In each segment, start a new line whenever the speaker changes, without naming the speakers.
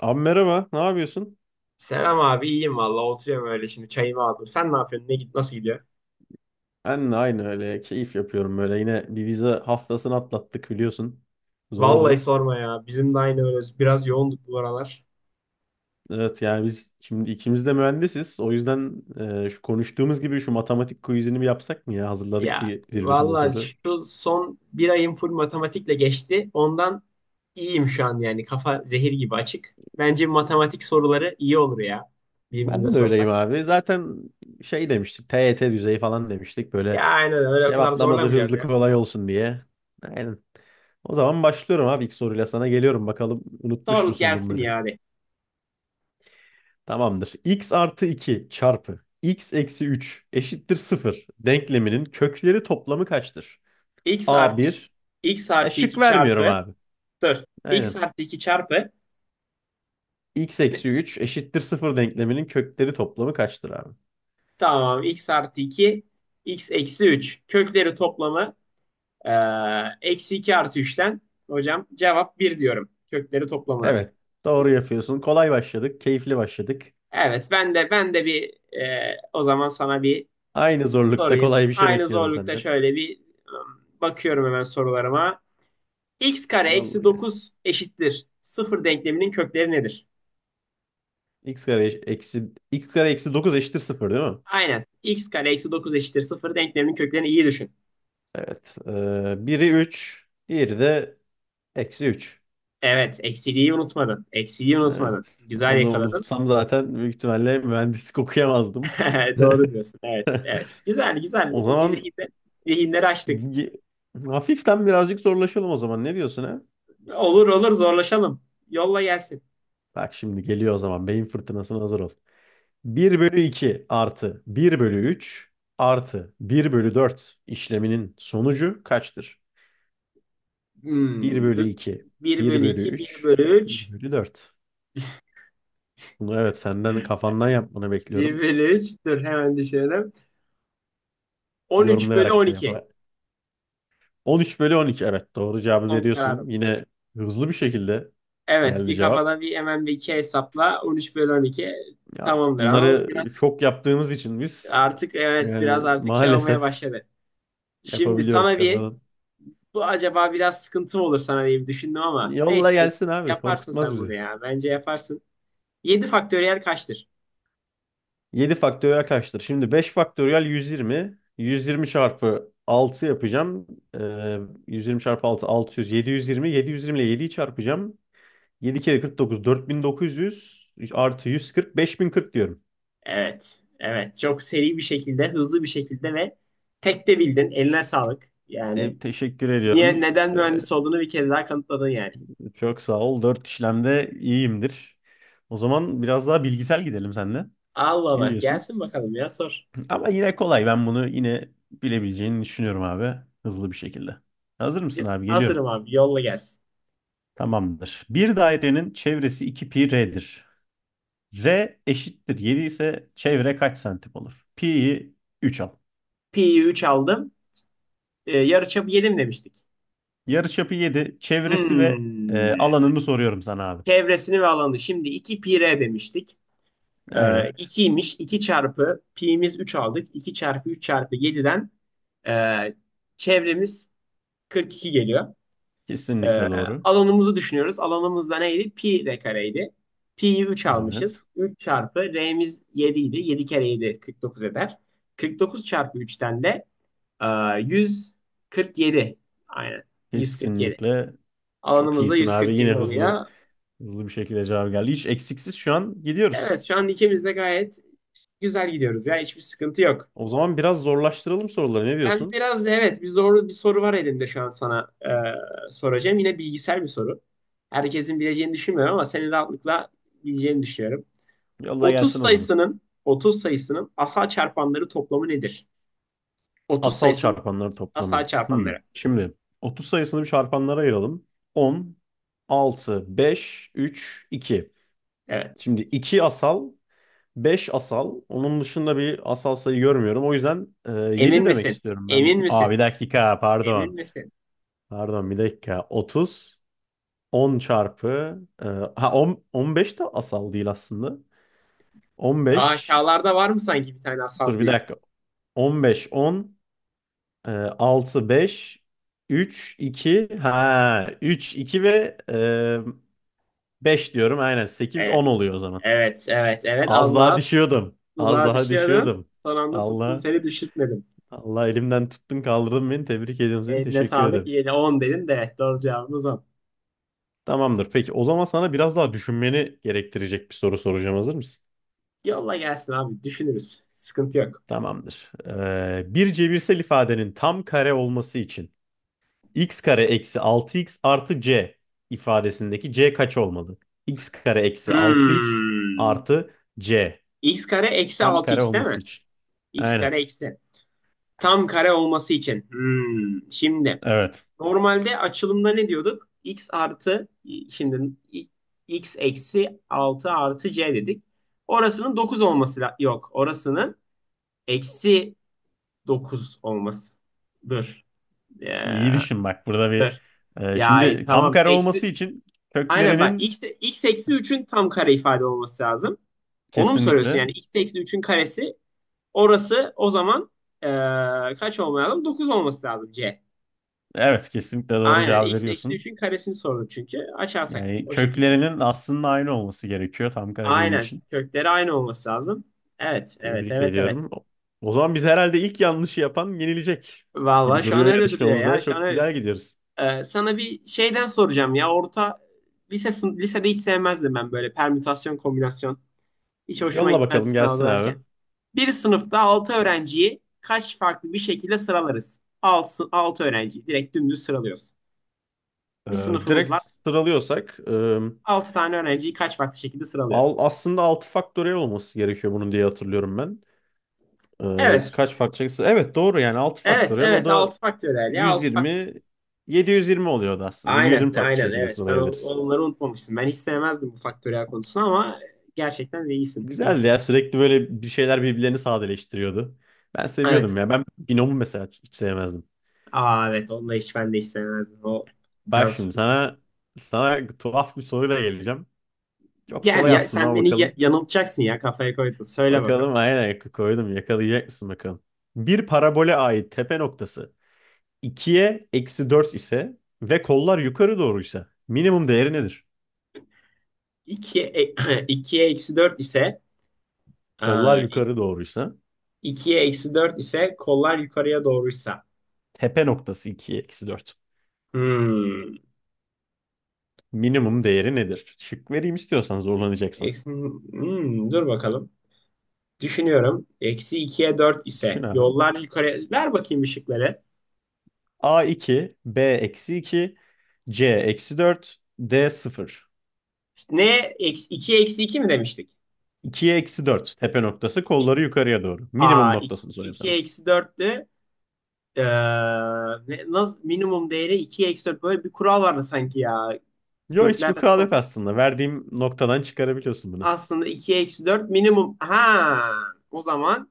Abi merhaba, ne yapıyorsun?
Selam abi iyiyim valla oturuyorum öyle şimdi çayımı aldım. Sen ne yapıyorsun? Ne git Nasıl gidiyor?
Ben de aynı öyle keyif yapıyorum böyle. Yine bir vize haftasını atlattık biliyorsun.
Vallahi
Zordu.
sorma ya. Bizim de aynı öyle biraz yoğunduk bu aralar.
Evet yani biz şimdi ikimiz de mühendisiz. O yüzden şu konuştuğumuz gibi şu matematik quizini bir yapsak mı ya? Hazırladık
Ya
bir birbirimize
valla
soru.
şu son bir ayım full matematikle geçti. Ondan iyiyim şu an yani kafa zehir gibi açık. Bence matematik soruları iyi olur ya birbirimize
Ben de öyleyim
sorsak.
abi. Zaten şey demiştik, TYT düzeyi falan demiştik.
Ya
Böyle
aynen öyle o kadar
cevaplaması
zorlamayacağız
hızlı,
ya.
kolay olsun diye. Aynen. O zaman başlıyorum abi, ilk soruyla sana geliyorum. Bakalım unutmuş
Sor
musun
gelsin
bunları?
yani.
Tamamdır. X artı 2 çarpı x eksi 3 eşittir 0 denkleminin kökleri toplamı kaçtır?
X
A
artı
bir,
X artı
Şık
2
vermiyorum
çarpı
abi.
dur. X
Aynen.
artı 2 çarpı
x eksi 3 eşittir 0 denkleminin kökleri toplamı kaçtır abi?
Tamam. X artı 2, X eksi 3. Kökleri toplamı e, eksi 2 artı üçten. Hocam cevap bir diyorum. Kökleri toplamına.
Evet. Doğru yapıyorsun. Kolay başladık. Keyifli başladık.
Evet, ben de bir, o zaman sana bir
Aynı zorlukta
sorayım.
kolay bir şey
Aynı
bekliyorum
zorlukta
senden.
şöyle bir, bakıyorum hemen sorularıma. X kare eksi
Yolla gelsin.
9 eşittir sıfır denkleminin kökleri nedir?
Eksi x kare eksi 9 eşittir 0 değil mi?
Aynen. X kare eksi 9 eşittir sıfır denkleminin köklerini iyi düşün.
Evet. Biri 3, diğeri de eksi 3.
Evet, eksiliği unutmadın. Eksiliği
Evet.
unutmadın. Güzel
Onu
yakaladın.
unutsam zaten büyük ihtimalle mühendislik okuyamazdım.
Doğru diyorsun. Evet, evet. Güzel, güzel.
O zaman
Zihinleri açtık.
ye- hafiften birazcık zorlaşalım o zaman. Ne diyorsun, ha?
Olur olur zorlaşalım. Yolla gelsin.
Bak, şimdi geliyor o zaman. Beyin fırtınasına hazır ol. Bir bölü 2 artı bir bölü 3 artı bir bölü 4 işleminin sonucu kaçtır? Bir
Dur.
bölü iki,
1
bir
bölü
bölü
iki, bir
üç,
bölü üç,
bir bölü 4. Bunu evet senden kafandan yapmanı
bir
bekliyorum.
bölü 3. Dur hemen düşünelim. 13 bölü on
Yorumlayarak da yap.
iki.
13 bölü 12, evet, doğru cevabı
Son kararım.
veriyorsun. Yine hızlı bir şekilde
Evet
geldi
bir
cevap.
kafada bir hemen bir iki hesapla 13 bölü 12
Ya, artık
tamamdır ama
bunları
biraz
çok yaptığımız için biz
artık evet biraz
yani
artık şey olmaya
maalesef
başladı. Şimdi
yapabiliyoruz
sana bir
kafadan.
Bu acaba biraz sıkıntı mı olur sana diye bir düşündüm ama
Yolla
neyse
gelsin abi,
yaparsın
korkutmaz
sen bunu
bizi.
ya. Bence yaparsın. 7 faktöriyel kaçtır?
7 faktöriyel kaçtır? Şimdi 5 faktöriyel 120. 120 çarpı 6 yapacağım. Ee, 120 çarpı 6 600. 720. 720 ile 7'yi çarpacağım. 7 kere 49, 4900 artı 140, 5040 diyorum.
Evet. Evet. Çok seri bir şekilde, hızlı bir şekilde ve tek de bildin. Eline sağlık. Yani
Teşekkür
niye
ediyorum.
neden mühendis olduğunu bir kez daha kanıtladın yani.
Çok sağ ol. Dört işlemde iyiyimdir. O zaman biraz daha bilgisel gidelim seninle.
Allah
Ne
Allah.
diyorsun?
Gelsin bakalım ya sor.
Ama yine kolay. Ben bunu yine bilebileceğini düşünüyorum abi. Hızlı bir şekilde. Hazır mısın abi? Geliyorum.
Hazırım abi. Yolla gelsin.
Tamamdır. Bir dairenin çevresi 2 pi r'dir. R eşittir 7 ise çevre kaç santim olur? Pi'yi 3 al.
Pi'yi 3 aldım. Yarıçapı yedim demiştik?
Yarıçapı 7. Çevresi ve
Hmm.
alanını soruyorum sana abi.
Çevresini ve alanı. Şimdi 2 pi r demiştik. Ee,
Aynen.
2'ymiş. 2 çarpı pi'miz 3 aldık. İki çarpı 3 çarpı yediden e, çevremiz 42 geliyor. Ee,
Kesinlikle doğru.
Alanımızı düşünüyoruz. Alanımız da neydi? Pi r kareydi. Pi'yi 3 almışız.
Evet.
Üç çarpı r'miz 7 idi. 7 kere 7 49 eder. 49 çarpı üçten de e, 147, aynen. 147.
Kesinlikle çok
Alanımız da
iyisin
yüz
abi.
kırk
Yine
yedi
hızlı
oluyor.
Hızlı bir şekilde cevap geldi. Hiç eksiksiz şu an gidiyoruz.
Evet şu an ikimiz de gayet güzel gidiyoruz ya. Hiçbir sıkıntı yok.
O zaman biraz zorlaştıralım soruları. Ne
Ben
diyorsun?
biraz evet bir zorlu bir soru var elimde şu an sana soracağım. Yine bilgisayar bir soru. Herkesin bileceğini düşünmüyorum ama senin rahatlıkla bileceğini düşünüyorum.
Yolla
30
gelsin o zaman.
sayısının 30 sayısının asal çarpanları toplamı nedir? 30
Asal
sayısının
çarpanların toplamı.
asal
Hmm.
çarpanları.
Şimdi 30 sayısını bir çarpanlara ayıralım. 10, 6, 5, 3, 2.
Evet.
Şimdi 2 asal, 5 asal. Onun dışında bir asal sayı görmüyorum. O yüzden
Emin
7 demek
misin?
istiyorum ben.
Emin
Aa,
misin?
bir dakika,
Emin
pardon.
misin?
Pardon, bir dakika. 30, 10 çarpı. Ha, 10, 15 de asal değil aslında.
Daha
15,
aşağılarda var mı sanki bir tane asal
dur bir
bir?
dakika. 15, 10, e, 6, 5, 3, 2, ha, 3, 2 ve 5 diyorum, aynen 8,
E,
10 oluyor o zaman.
evet, evet, evet.
Az
Az
daha
daha
düşüyordum. Az
tuzağa
daha
düşüyordun.
düşüyordum.
Son anda tuttum
Allah
seni düşürtmedim.
Allah, elimden tuttun, kaldırdın beni. Tebrik ediyorum seni.
Eline
Teşekkür
sağlık.
ederim.
Yine 10 dedin de evet, doğru cevabımız on.
Tamamdır. Peki, o zaman sana biraz daha düşünmeni gerektirecek bir soru soracağım. Hazır mısın?
Yolla gelsin abi. Düşünürüz. Sıkıntı yok.
Tamamdır. Bir cebirsel ifadenin tam kare olması için x kare eksi 6x artı c ifadesindeki c kaç olmalı? X kare eksi 6x
Hmm.
artı c
X kare eksi
tam kare
6x değil
olması
mi?
için.
X
Aynen.
kare eksi. Tam kare olması için. Hmm. Şimdi
Evet.
normalde açılımda ne diyorduk? Şimdi i- X eksi 6 artı c dedik. Orasının 9 olması yok. Orasının eksi 9 olmasıdır.
İyi
Ya,
düşün bak, burada bir
dır. Ya
şimdi tam
tamam.
kare olması için
Aynen bak
köklerinin
x eksi üçün tam kare ifade olması lazım. Onu mu soruyorsun?
kesinlikle,
Yani x eksi üçün karesi orası o zaman eee, kaç olması lazım? 9 olması lazım c.
evet, kesinlikle doğru
Aynen
cevap
x eksi
veriyorsun.
üçün karesini sordum çünkü. Açarsak
Yani
o şekilde.
köklerinin aslında aynı olması gerekiyor, tam kare dediği
Aynen
için.
kökleri aynı olması lazım. Evet evet
Tebrik
evet evet.
ediyorum. O zaman biz herhalde ilk yanlışı yapan yenilecek
Vallahi
gibi
şu an
duruyor
öyle duruyor
yarışmamızda.
ya. Şu an
Çok
öyle-
güzel gidiyoruz.
Sana bir şeyden soracağım ya. Lisede hiç sevmezdim ben böyle permütasyon kombinasyon. Hiç hoşuma
Yolla
gitmezdi
bakalım
sınav
gelsin
hazırlanırken.
abi.
Bir sınıfta 6 öğrenciyi kaç farklı bir şekilde sıralarız? 6, 6 öğrenciyi direkt dümdüz sıralıyoruz. Bir sınıfımız var.
Direkt sıralıyorsak
6 tane öğrenciyi kaç farklı şekilde sıralıyoruz?
aslında 6 faktöriyel olması gerekiyor bunun diye hatırlıyorum ben.
Evet.
Kaç faktöriyel? Evet, doğru yani 6
Evet,
faktöriyel o
evet.
da
6 faktöriyel ya. Altı faktöriyel.
120 720 oluyordu aslında.
Aynen,
720 farklı
aynen.
şekilde
Evet. Sen
sıralayabiliriz.
onları unutmamışsın. Ben hiç sevmezdim bu faktöriyel konusunu ama gerçekten de iyisin.
Güzeldi
İyisin.
ya, sürekli böyle bir şeyler birbirlerini sadeleştiriyordu. Ben
Evet.
seviyordum ya. Ben binomu mesela hiç sevmezdim.
Aa evet. Onu da hiç ben de hiç sevmezdim. O
Bak,
biraz
şimdi
sıkıntı.
sana tuhaf bir soruyla geleceğim. Çok
Gel
kolay
ya.
aslında
Sen
ama
beni
bakalım.
yanıltacaksın ya. Kafaya koydun. Söyle bakalım.
Bakalım, aynen koydum. Yakalayacak mısın bakalım. Bir parabole ait tepe noktası 2'ye eksi 4 ise ve kollar yukarı doğruysa minimum değeri nedir?
2, 2'ye eksi 4 ise.
Kollar
Aa,
yukarı doğruysa
2'ye eksi 4 ise kollar yukarıya doğruysa.
tepe noktası 2'ye eksi 4.
Hmm.
Minimum değeri nedir? Şık vereyim, istiyorsan zorlanacaksın.
Eksi, dur bakalım. Düşünüyorum. Eksi 2'ye 4
Düşün
ise
abi.
yollar yukarıya. Ver bakayım ışıkları.
A2, B eksi 2, C eksi 4, D sıfır.
Ne? Eksi, 2'ye eksi 2 mi demiştik?
2'ye eksi 4 tepe noktası,
İ-
kolları yukarıya doğru. Minimum
Aa,
noktasını soruyorum sana.
2'ye eksi 4'tü. Ee, Nasıl, minimum değeri 2'ye eksi 4. Böyle bir kural vardı sanki ya.
Yo, hiçbir
Köklerde
kural yok
top.
aslında. Verdiğim noktadan çıkarabiliyorsun bunu.
Aslında 2'ye eksi 4 minimum. Ha, o zaman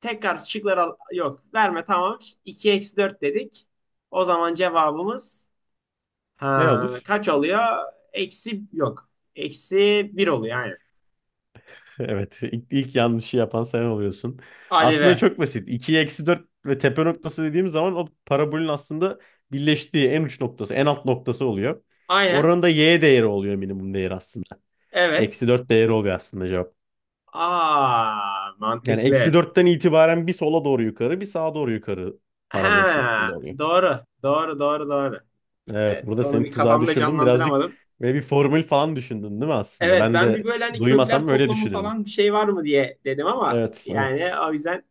Yok. Verme tamam. 2 eksi 4 dedik. O zaman cevabımız
Ne
ha,
olur?
kaç oluyor? Eksi yok. Eksi bir oluyor aynen.
Evet, ilk yanlışı yapan sen oluyorsun.
Hadi
Aslında
be.
çok basit. 2'ye eksi 4 ve tepe noktası dediğimiz zaman o parabolün aslında birleştiği en uç noktası, en alt noktası oluyor.
Aynen.
Oranın da y değeri oluyor, minimum değeri aslında.
Evet.
Eksi 4 değeri oluyor aslında cevap.
Aa
Yani
mantıklı.
eksi dörtten itibaren bir sola doğru yukarı, bir sağa doğru yukarı parabol
Ha
şeklinde oluyor.
doğru. Doğru doğru doğru.
Evet,
Evet
burada
onu
seni
bir
tuzağa
kafamda
düşürdüm. Birazcık
canlandıramadım.
ve bir formül falan düşündün değil mi aslında?
Evet
Ben
ben bir
de
böyle hani kökler
duymasam öyle
toplamı
düşünürdüm.
falan bir şey var mı diye dedim ama
Evet,
yani
evet.
o yüzden.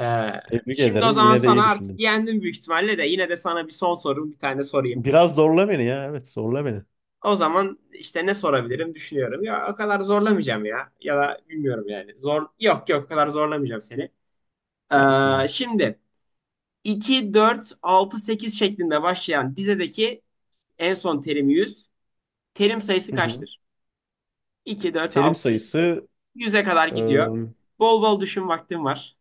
Ee,
Tebrik
Şimdi o
ederim.
zaman
Yine de iyi
sana artık
düşündün.
yendim büyük ihtimalle de yine de sana bir son sorum bir tane sorayım.
Biraz zorla beni ya. Evet, zorla beni.
O zaman işte ne sorabilirim düşünüyorum. Ya o kadar zorlamayacağım ya. Ya da bilmiyorum yani. Yok yok o kadar zorlamayacağım seni.
Gelsin abi.
Şimdi 2 4 6 8 şeklinde başlayan dizedeki en son terim 100. Terim sayısı
Hı hı.
kaçtır? 2 4
Terim
6 8
sayısı
100'e kadar gidiyor.
ıı,
Bol bol düşün vaktin var.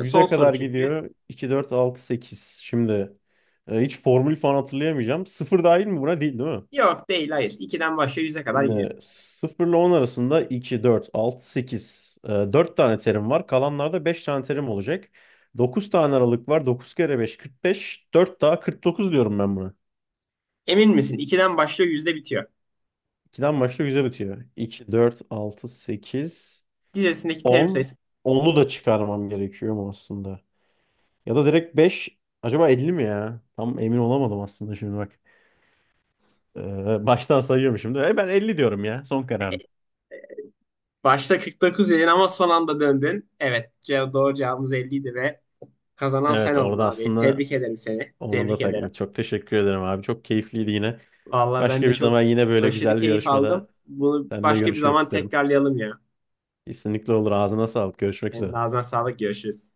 Son soru
kadar
çünkü.
gidiyor. 2, 4, 6, 8. Şimdi hiç formül falan hatırlayamayacağım. 0 dahil mi buna? Değil, değil mi?
Yok değil hayır. 2'den başlıyor 100'e kadar gidiyor.
Şimdi 0 ile 10 arasında 2, 4, 6, 8. 4 tane terim var. Kalanlarda 5 tane terim olacak. 9 tane aralık var. 9 kere 5, 45. 4 daha 49 diyorum ben buna.
Emin misin? 2'den başlıyor, yüzde bitiyor.
2'den başlıyor, 100'e bitiyor. 2, 4, 6, 8.
Dizesindeki terim
10
sayısı.
Onu da çıkarmam gerekiyor mu aslında? Ya da direkt 5. Acaba 50 mi ya? Tam emin olamadım aslında şimdi bak. Baştan sayıyorum şimdi. Ben 50 diyorum ya. Son kararım.
Başta 49 dedin ama son anda döndün. Evet, doğru cevabımız 50 idi ve kazanan sen
Evet,
oldun
orada
abi.
aslında
Tebrik ederim seni.
onu
Tebrik
da
ederim.
takma. Çok teşekkür ederim abi. Çok keyifliydi yine.
Vallahi ben
Başka
de
bir
çok
zaman yine böyle
aşırı
güzel bir
keyif aldım.
yarışmada
Bunu
seninle
başka bir
görüşmek
zaman
isterim.
tekrarlayalım ya.
Kesinlikle olur. Ağzına sağlık. Görüşmek
Senin
üzere.
ağzına sağlık. Görüşürüz.